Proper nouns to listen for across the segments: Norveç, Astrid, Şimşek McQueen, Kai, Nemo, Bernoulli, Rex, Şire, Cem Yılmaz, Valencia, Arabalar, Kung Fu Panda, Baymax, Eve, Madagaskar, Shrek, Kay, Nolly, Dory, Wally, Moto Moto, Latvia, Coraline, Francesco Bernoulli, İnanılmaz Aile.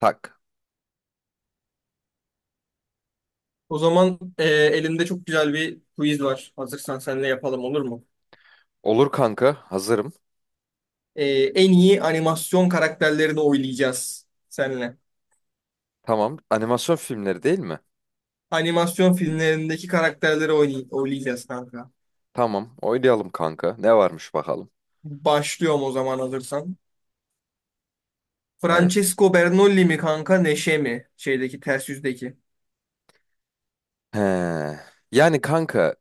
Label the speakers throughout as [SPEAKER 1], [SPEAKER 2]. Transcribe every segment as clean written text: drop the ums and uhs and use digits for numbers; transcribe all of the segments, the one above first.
[SPEAKER 1] Tak.
[SPEAKER 2] O zaman elimde çok güzel bir quiz var. Hazırsan seninle yapalım, olur mu?
[SPEAKER 1] Olur kanka, hazırım.
[SPEAKER 2] E, en iyi animasyon karakterlerini oylayacağız seninle.
[SPEAKER 1] Tamam. Animasyon filmleri değil mi?
[SPEAKER 2] Animasyon filmlerindeki karakterleri oylayacağız kanka.
[SPEAKER 1] Tamam, oynayalım kanka. Ne varmış bakalım.
[SPEAKER 2] Başlıyorum o zaman, hazırsan.
[SPEAKER 1] Evet.
[SPEAKER 2] Francesco Bernoulli mi kanka, Neşe mi? Şeydeki, ters yüzdeki.
[SPEAKER 1] He. Yani kanka,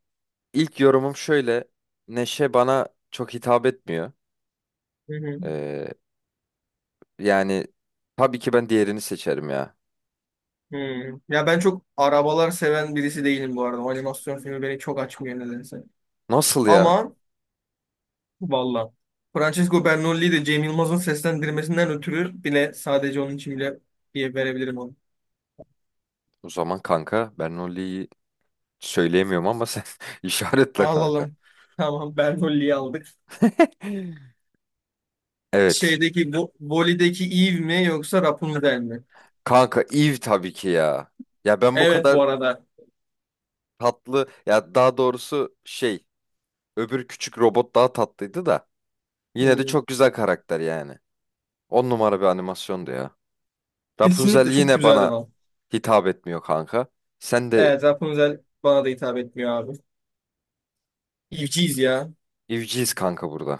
[SPEAKER 1] ilk yorumum şöyle. Neşe bana çok hitap etmiyor.
[SPEAKER 2] Hı hı.
[SPEAKER 1] Ee, Yani tabii ki ben diğerini seçerim ya.
[SPEAKER 2] Hmm. Ya ben çok arabalar seven birisi değilim bu arada. O animasyon filmi beni çok açmıyor nedense.
[SPEAKER 1] Nasıl ya?
[SPEAKER 2] Ama, valla. Francesco Bernoulli'yi de Cem Yılmaz'ın seslendirmesinden ötürü, bile sadece onun için bile diye verebilirim onu.
[SPEAKER 1] O zaman kanka, ben Nolly'yi söyleyemiyorum ama sen işaretle kanka.
[SPEAKER 2] Alalım. Tamam, Bernoulli'yi aldık.
[SPEAKER 1] Evet.
[SPEAKER 2] Şeydeki bu Voli'deki Eve mi yoksa Rapunzel mi?
[SPEAKER 1] Kanka Eve tabii ki ya. Ya ben bu
[SPEAKER 2] Evet,
[SPEAKER 1] kadar
[SPEAKER 2] bu arada.
[SPEAKER 1] tatlı ya, daha doğrusu şey. Öbür küçük robot daha tatlıydı da. Yine de
[SPEAKER 2] Hmm.
[SPEAKER 1] çok güzel karakter yani. On numara bir animasyondu ya. Rapunzel
[SPEAKER 2] Kesinlikle çok
[SPEAKER 1] yine
[SPEAKER 2] güzeldi
[SPEAKER 1] bana
[SPEAKER 2] lan.
[SPEAKER 1] hitap etmiyor kanka. Sen de
[SPEAKER 2] Evet, Rapunzel bana da hitap etmiyor abi. Eve'ciyiz ya.
[SPEAKER 1] evciyiz kanka burada.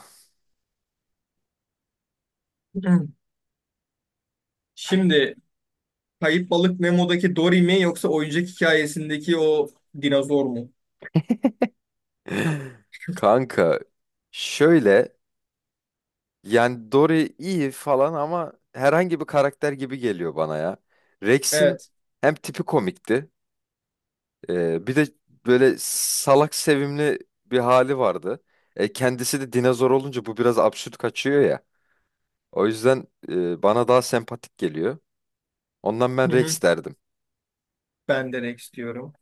[SPEAKER 2] Hmm. Şimdi Kayıp Balık Nemo'daki Dory mi yoksa oyuncak hikayesindeki o dinozor mu?
[SPEAKER 1] Kanka şöyle, yani Dory iyi falan ama herhangi bir karakter gibi geliyor bana ya. Rex'in
[SPEAKER 2] Evet.
[SPEAKER 1] hem tipi komikti, bir de böyle salak sevimli bir hali vardı. Kendisi de dinozor olunca bu biraz absürt kaçıyor ya. O yüzden bana daha sempatik geliyor. Ondan ben
[SPEAKER 2] Hı hı.
[SPEAKER 1] Rex derdim.
[SPEAKER 2] Ben de Rex diyorum.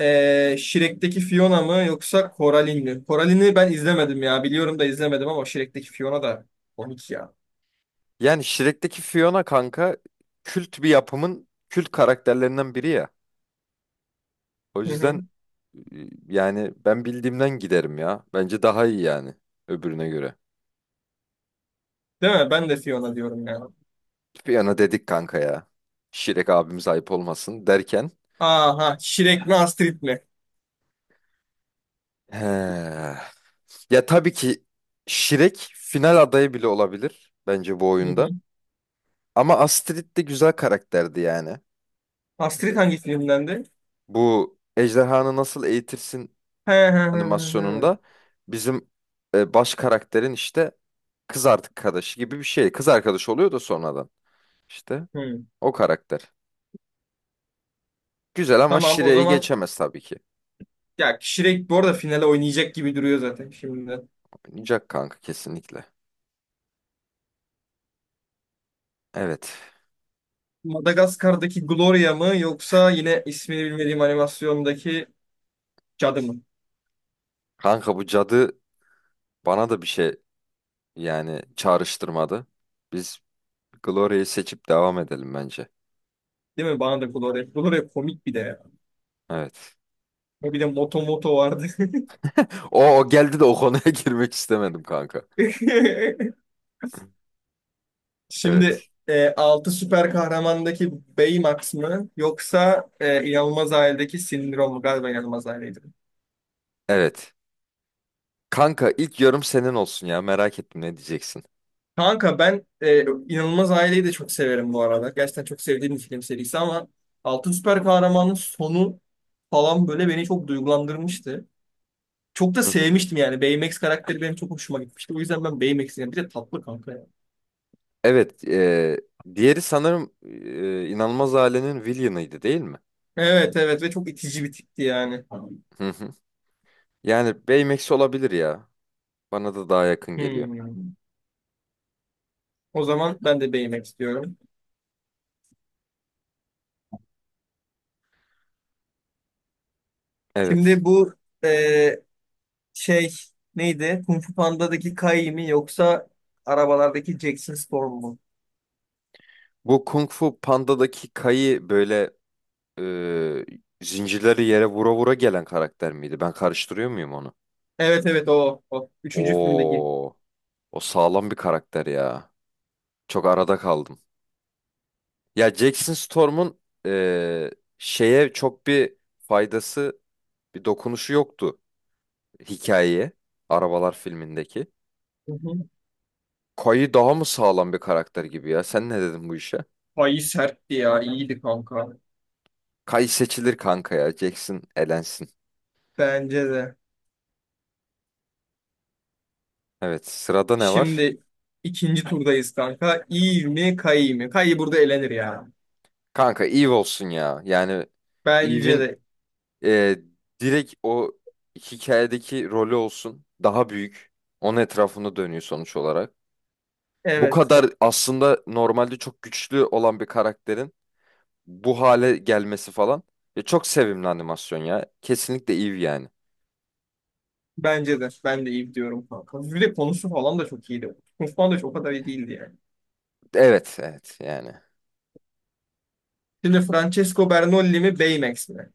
[SPEAKER 2] Shrek'teki Fiona mı yoksa Coraline mi? Coraline'i ben izlemedim ya. Biliyorum da izlemedim, ama Shrek'teki Fiona da komik ya.
[SPEAKER 1] Yani Shrek'teki Fiona kanka kült bir yapımın kült karakterlerinden biri ya. O
[SPEAKER 2] Hı hı.
[SPEAKER 1] yüzden e, yani ben bildiğimden giderim ya. Bence daha iyi yani öbürüne göre.
[SPEAKER 2] Değil mi? Ben de Fiona diyorum ya.
[SPEAKER 1] Fiona dedik kanka ya. Shrek abimiz ayıp olmasın derken.
[SPEAKER 2] Aha, Shrek mi Astrid mi?
[SPEAKER 1] He. Ya tabii ki Shrek final adayı bile olabilir bence bu
[SPEAKER 2] Hı hı.
[SPEAKER 1] oyunda. Ama Astrid de güzel karakterdi yani.
[SPEAKER 2] Astrid hangi filmdendi?
[SPEAKER 1] Bu ejderhanı nasıl eğitirsin
[SPEAKER 2] He he he
[SPEAKER 1] animasyonunda
[SPEAKER 2] he,
[SPEAKER 1] bizim baş karakterin işte kız arkadaşı gibi bir şey. Kız arkadaşı oluyor da sonradan. İşte
[SPEAKER 2] he. Hı.
[SPEAKER 1] o karakter. Güzel ama
[SPEAKER 2] Tamam o
[SPEAKER 1] Şire'yi
[SPEAKER 2] zaman,
[SPEAKER 1] geçemez tabii ki.
[SPEAKER 2] ya Shrek bu arada finale oynayacak gibi duruyor zaten şimdi.
[SPEAKER 1] Oynayacak kanka, kesinlikle. Evet.
[SPEAKER 2] Madagaskar'daki Gloria mı yoksa yine ismini bilmediğim animasyondaki cadı mı?
[SPEAKER 1] Kanka bu cadı bana da bir şey, yani çağrıştırmadı. Biz Gloria'yı seçip devam edelim bence.
[SPEAKER 2] Değil mi? Bana da Gloria. Gloria komik bir de ya.
[SPEAKER 1] Evet.
[SPEAKER 2] Bir de Moto Moto vardı.
[SPEAKER 1] O, o geldi de o konuya girmek istemedim kanka.
[SPEAKER 2] Şimdi
[SPEAKER 1] Evet.
[SPEAKER 2] 6 süper kahramandaki Baymax mı yoksa İnanılmaz Aile'deki Sindrom mu? Galiba İnanılmaz Aile'ydi.
[SPEAKER 1] Evet. Kanka ilk yorum senin olsun ya, merak ettim ne diyeceksin.
[SPEAKER 2] Kanka ben, İnanılmaz Aile'yi de çok severim bu arada. Gerçekten çok sevdiğim bir film serisi, ama 6 Süper Kahraman'ın sonu falan böyle beni çok duygulandırmıştı. Çok da
[SPEAKER 1] Hı hı.
[SPEAKER 2] sevmiştim yani. Baymax karakteri benim çok hoşuma gitmişti. O yüzden ben Baymax'i yani. Bir de tatlı kanka ya.
[SPEAKER 1] Evet, diğeri sanırım İnanılmaz Ailenin Villain'ıydı değil mi?
[SPEAKER 2] Evet, evet, ve çok itici bir tipti yani.
[SPEAKER 1] Hı hı. Yani Baymax olabilir ya. Bana da daha yakın geliyor.
[SPEAKER 2] Hmm. O zaman ben de Baymax diyorum.
[SPEAKER 1] Evet.
[SPEAKER 2] Şimdi bu, eee, şey neydi? Kung Fu Panda'daki Kai mi yoksa arabalardaki Jackson Storm mu?
[SPEAKER 1] Bu Kung Fu Panda'daki Kai'yi böyle, e, zincirleri yere vura vura gelen karakter miydi? Ben karıştırıyor muyum onu?
[SPEAKER 2] Evet evet, o. Üçüncü filmdeki.
[SPEAKER 1] Oo, o sağlam bir karakter ya. Çok arada kaldım. Ya Jackson Storm'un e, şeye çok bir faydası, bir dokunuşu yoktu hikayeye. Arabalar filmindeki.
[SPEAKER 2] Hı hı.
[SPEAKER 1] Kay'ı daha mı sağlam bir karakter gibi ya? Sen ne dedin bu işe?
[SPEAKER 2] Ay, sertti ya. İyiydi kanka.
[SPEAKER 1] Kay seçilir kanka ya. Jackson elensin.
[SPEAKER 2] Bence de.
[SPEAKER 1] Evet, sırada ne var?
[SPEAKER 2] Şimdi ikinci turdayız kanka. İyi mi Kai mi? Kai burada elenir ya.
[SPEAKER 1] Kanka Eve olsun ya. Yani
[SPEAKER 2] Bence
[SPEAKER 1] Eve'in
[SPEAKER 2] de.
[SPEAKER 1] e, direkt o hikayedeki rolü olsun. Daha büyük. Onun etrafında dönüyor sonuç olarak. Bu
[SPEAKER 2] Evet.
[SPEAKER 1] kadar aslında normalde çok güçlü olan bir karakterin bu hale gelmesi falan. Ya çok sevimli animasyon ya. Kesinlikle Eve yani.
[SPEAKER 2] Bence de. Ben de iyi diyorum kanka. Bir de konusu falan da çok iyiydi. Kung Fu Panda çok o kadar iyi değildi yani.
[SPEAKER 1] Evet, evet yani.
[SPEAKER 2] Şimdi Francesco Bernoulli mi Baymax mi?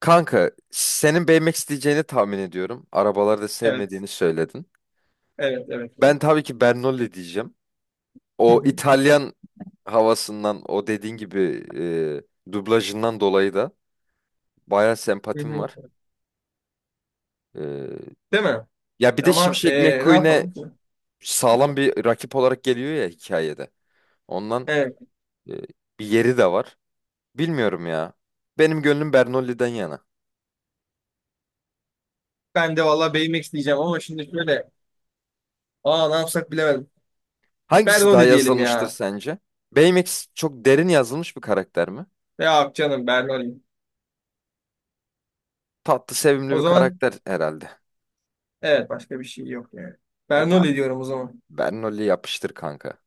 [SPEAKER 1] Kanka, senin beğenmek isteyeceğini tahmin ediyorum. Arabaları da
[SPEAKER 2] Evet.
[SPEAKER 1] sevmediğini söyledin.
[SPEAKER 2] Evet. Evet.
[SPEAKER 1] Ben
[SPEAKER 2] Evet.
[SPEAKER 1] tabii ki Bernoulli diyeceğim.
[SPEAKER 2] Hı
[SPEAKER 1] O
[SPEAKER 2] hı,
[SPEAKER 1] İtalyan havasından, o dediğin gibi dublajından dolayı da bayağı
[SPEAKER 2] hı
[SPEAKER 1] sempatim
[SPEAKER 2] hı.
[SPEAKER 1] var. E,
[SPEAKER 2] Değil mi?
[SPEAKER 1] Ya bir de
[SPEAKER 2] Ama
[SPEAKER 1] Şimşek
[SPEAKER 2] ne
[SPEAKER 1] McQueen'e
[SPEAKER 2] yapalım ki?
[SPEAKER 1] sağlam bir rakip olarak geliyor ya hikayede. Ondan
[SPEAKER 2] Evet.
[SPEAKER 1] e, bir yeri de var. Bilmiyorum ya. Benim gönlüm Bernolli'den yana.
[SPEAKER 2] Ben de valla BMX diyeceğim, ama şimdi şöyle. Aa, ne yapsak, bilemedim.
[SPEAKER 1] Hangisi daha
[SPEAKER 2] Bernoulli diyelim
[SPEAKER 1] yazılmıştır
[SPEAKER 2] ya.
[SPEAKER 1] sence? Baymax çok derin yazılmış bir karakter mi?
[SPEAKER 2] Ya, canım Bernoulli.
[SPEAKER 1] Tatlı, sevimli
[SPEAKER 2] O
[SPEAKER 1] bir
[SPEAKER 2] zaman,
[SPEAKER 1] karakter herhalde.
[SPEAKER 2] evet, başka bir şey yok yani.
[SPEAKER 1] E tamam.
[SPEAKER 2] Bernoulli diyorum o zaman.
[SPEAKER 1] Bernoulli yapıştır kanka.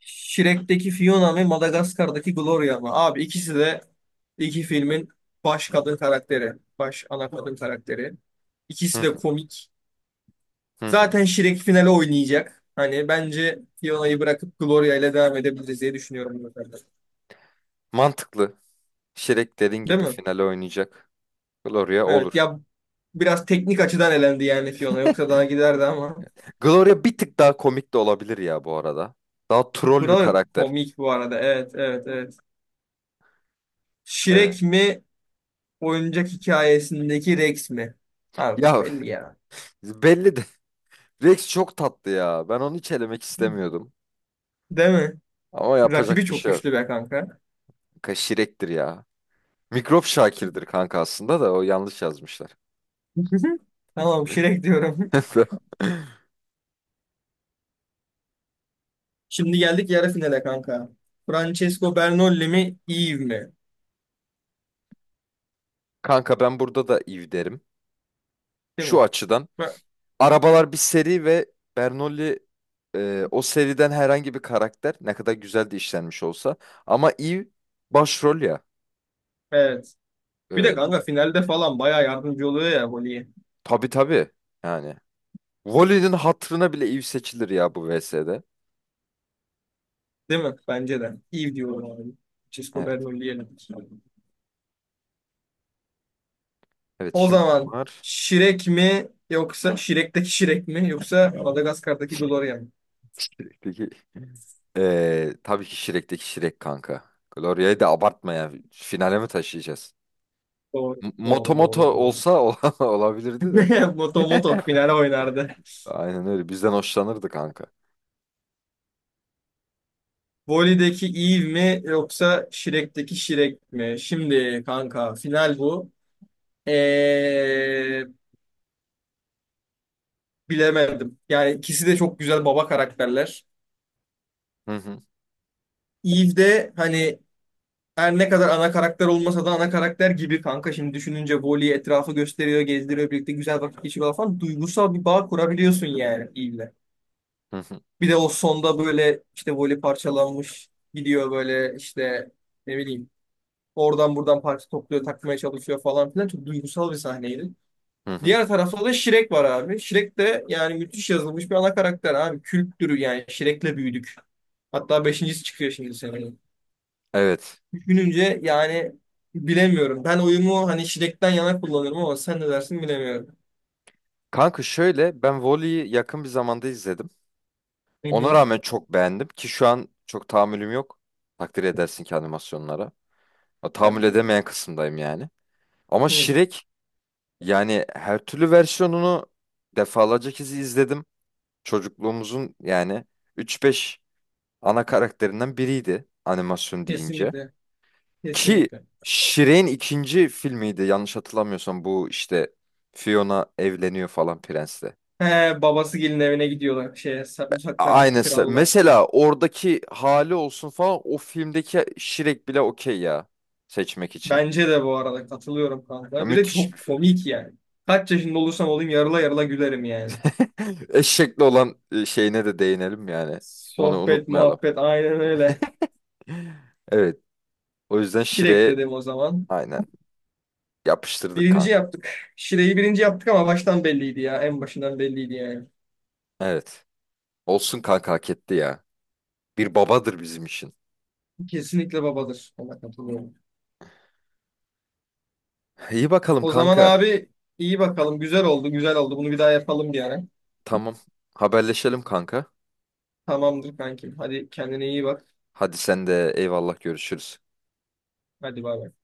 [SPEAKER 2] Shrek'teki Fiona ve Madagaskar'daki Gloria mı? Abi, ikisi de iki filmin baş kadın karakteri. Baş ana kadın karakteri.
[SPEAKER 1] Hı
[SPEAKER 2] İkisi de
[SPEAKER 1] hı,
[SPEAKER 2] komik.
[SPEAKER 1] hı hı.
[SPEAKER 2] Zaten Şirek finale oynayacak. Hani bence Fiona'yı bırakıp Gloria ile devam edebiliriz diye düşünüyorum bu sefer.
[SPEAKER 1] Mantıklı. Shrek dediğin
[SPEAKER 2] Değil
[SPEAKER 1] gibi
[SPEAKER 2] mi?
[SPEAKER 1] finale oynayacak. Gloria
[SPEAKER 2] Evet
[SPEAKER 1] olur.
[SPEAKER 2] ya, biraz teknik açıdan elendi yani, Fiona yoksa daha giderdi ama.
[SPEAKER 1] Gloria bir tık daha komik de olabilir ya bu arada. Daha troll bir
[SPEAKER 2] Buralar
[SPEAKER 1] karakter.
[SPEAKER 2] komik bu arada. Evet, evet, evet.
[SPEAKER 1] Evet.
[SPEAKER 2] Şirek mi oyuncak hikayesindeki Rex mi? Abi
[SPEAKER 1] Ya
[SPEAKER 2] belli ya.
[SPEAKER 1] belli de. Rex çok tatlı ya. Ben onu hiç elemek istemiyordum.
[SPEAKER 2] Değil mi?
[SPEAKER 1] Ama
[SPEAKER 2] Rakibi
[SPEAKER 1] yapacak bir
[SPEAKER 2] çok
[SPEAKER 1] şey yok.
[SPEAKER 2] güçlü be kanka.
[SPEAKER 1] Kanka Shrek'tir ya. Mikrop Şakir'dir kanka aslında, da o yanlış yazmışlar.
[SPEAKER 2] Tamam, Şirek diyorum. Şimdi geldik yarı finale kanka. Francesco Bernolli mi Eve mi?
[SPEAKER 1] Kanka ben burada da Eve derim.
[SPEAKER 2] Değil
[SPEAKER 1] Şu
[SPEAKER 2] mi?
[SPEAKER 1] açıdan.
[SPEAKER 2] Ba-
[SPEAKER 1] Arabalar bir seri ve Bernoulli, o seriden herhangi bir karakter ne kadar güzel de işlenmiş olsa. Ama Eve başrol ya.
[SPEAKER 2] Evet. Bir de
[SPEAKER 1] E, bu,
[SPEAKER 2] kanka, finalde falan bayağı yardımcı oluyor ya Voli'ye.
[SPEAKER 1] tabii tabii yani. Wally'nin hatırına bile Eve seçilir ya bu VS'de.
[SPEAKER 2] Değil mi? Bence de. İyi diyorum abi. Cisco
[SPEAKER 1] Evet.
[SPEAKER 2] Bernoulli'ye.
[SPEAKER 1] Evet
[SPEAKER 2] O
[SPEAKER 1] şimdi
[SPEAKER 2] zaman,
[SPEAKER 1] var.
[SPEAKER 2] Şirek mi, yoksa Şirek'teki Şirek mi, yoksa Madagaskar'daki Gloria mı?
[SPEAKER 1] Peki. E tabii ki Shrek'teki Shrek kanka. Gloria'yı da abartma ya. Finale mi taşıyacağız?
[SPEAKER 2] Doğru.
[SPEAKER 1] Moto
[SPEAKER 2] Doğru, doğru,
[SPEAKER 1] Moto
[SPEAKER 2] doğru.
[SPEAKER 1] olsa olabilirdi de.
[SPEAKER 2] Moto Moto finale oynardı.
[SPEAKER 1] Aynen öyle. Bizden hoşlanırdı kanka.
[SPEAKER 2] Voli'deki Eve mi yoksa Şirek'teki Şirek mi? Şimdi kanka, final bu. Ee, bilemedim. Yani ikisi de çok güzel baba karakterler.
[SPEAKER 1] Hı hı.
[SPEAKER 2] Eve'de hani, her ne kadar ana karakter olmasa da ana karakter gibi kanka. Şimdi düşününce, Voli etrafı gösteriyor, gezdiriyor, birlikte güzel vakit geçiriyor falan. Duygusal bir bağ kurabiliyorsun yani iyiyle.
[SPEAKER 1] Hı hı.
[SPEAKER 2] Bir de o sonda böyle işte Voli parçalanmış gidiyor, böyle işte ne bileyim, oradan buradan parça topluyor, takmaya çalışıyor falan filan. Çok duygusal bir sahneydi.
[SPEAKER 1] Hı hı.
[SPEAKER 2] Diğer tarafta da Shrek var abi. Shrek de yani müthiş yazılmış bir ana karakter abi. Kültürü, yani Shrek'le büyüdük. Hatta beşincisi çıkıyor şimdi seneye.
[SPEAKER 1] Evet.
[SPEAKER 2] Düşününce yani, bilemiyorum. Ben oyumu hani şiddetten yana kullanırım, ama sen ne dersin, bilemiyorum.
[SPEAKER 1] Kanka şöyle, ben volleyi yakın bir zamanda izledim.
[SPEAKER 2] Hı
[SPEAKER 1] Ona
[SPEAKER 2] hı.
[SPEAKER 1] rağmen çok beğendim ki şu an çok tahammülüm yok. Takdir edersin ki animasyonlara. Ya, tahammül
[SPEAKER 2] Evet.
[SPEAKER 1] edemeyen kısımdayım yani. Ama
[SPEAKER 2] Hı.
[SPEAKER 1] Şirek yani, her türlü versiyonunu defalarca kez izledim. Çocukluğumuzun yani 3-5 ana karakterinden biriydi animasyon deyince.
[SPEAKER 2] Kesinlikle.
[SPEAKER 1] Ki
[SPEAKER 2] Kesinlikle.
[SPEAKER 1] Shrek'in ikinci filmiydi yanlış hatırlamıyorsam, bu işte Fiona evleniyor falan prensle.
[SPEAKER 2] He, babası gelin evine gidiyorlar. Şey, uzaklardaki
[SPEAKER 1] Aynısı.
[SPEAKER 2] kralla.
[SPEAKER 1] Mesela oradaki hali olsun falan, o filmdeki şirek bile okey ya seçmek için.
[SPEAKER 2] Bence de, bu arada katılıyorum
[SPEAKER 1] Ya
[SPEAKER 2] kanka. Bir de
[SPEAKER 1] müthiş bir
[SPEAKER 2] çok
[SPEAKER 1] film.
[SPEAKER 2] komik yani. Kaç yaşında olursam olayım yarıla yarıla gülerim yani.
[SPEAKER 1] Eşekli olan şeyine de değinelim yani. Onu
[SPEAKER 2] Sohbet,
[SPEAKER 1] unutmayalım.
[SPEAKER 2] muhabbet, aynen öyle.
[SPEAKER 1] Evet. O yüzden
[SPEAKER 2] Şirek
[SPEAKER 1] Shrek'e
[SPEAKER 2] dedim o zaman.
[SPEAKER 1] aynen yapıştırdık
[SPEAKER 2] Birinci
[SPEAKER 1] kanka.
[SPEAKER 2] yaptık. Şireyi birinci yaptık, ama baştan belliydi ya. En başından belliydi yani.
[SPEAKER 1] Evet. Olsun kanka, hak etti ya. Bir babadır bizim için.
[SPEAKER 2] Kesinlikle babadır. Ona katılıyorum.
[SPEAKER 1] İyi bakalım
[SPEAKER 2] O zaman
[SPEAKER 1] kanka.
[SPEAKER 2] abi, iyi bakalım. Güzel oldu, güzel oldu. Bunu bir daha yapalım bir ara.
[SPEAKER 1] Tamam. Haberleşelim kanka.
[SPEAKER 2] Tamamdır kankim. Hadi kendine iyi bak.
[SPEAKER 1] Hadi sen de eyvallah, görüşürüz.
[SPEAKER 2] Hadi, bay bay.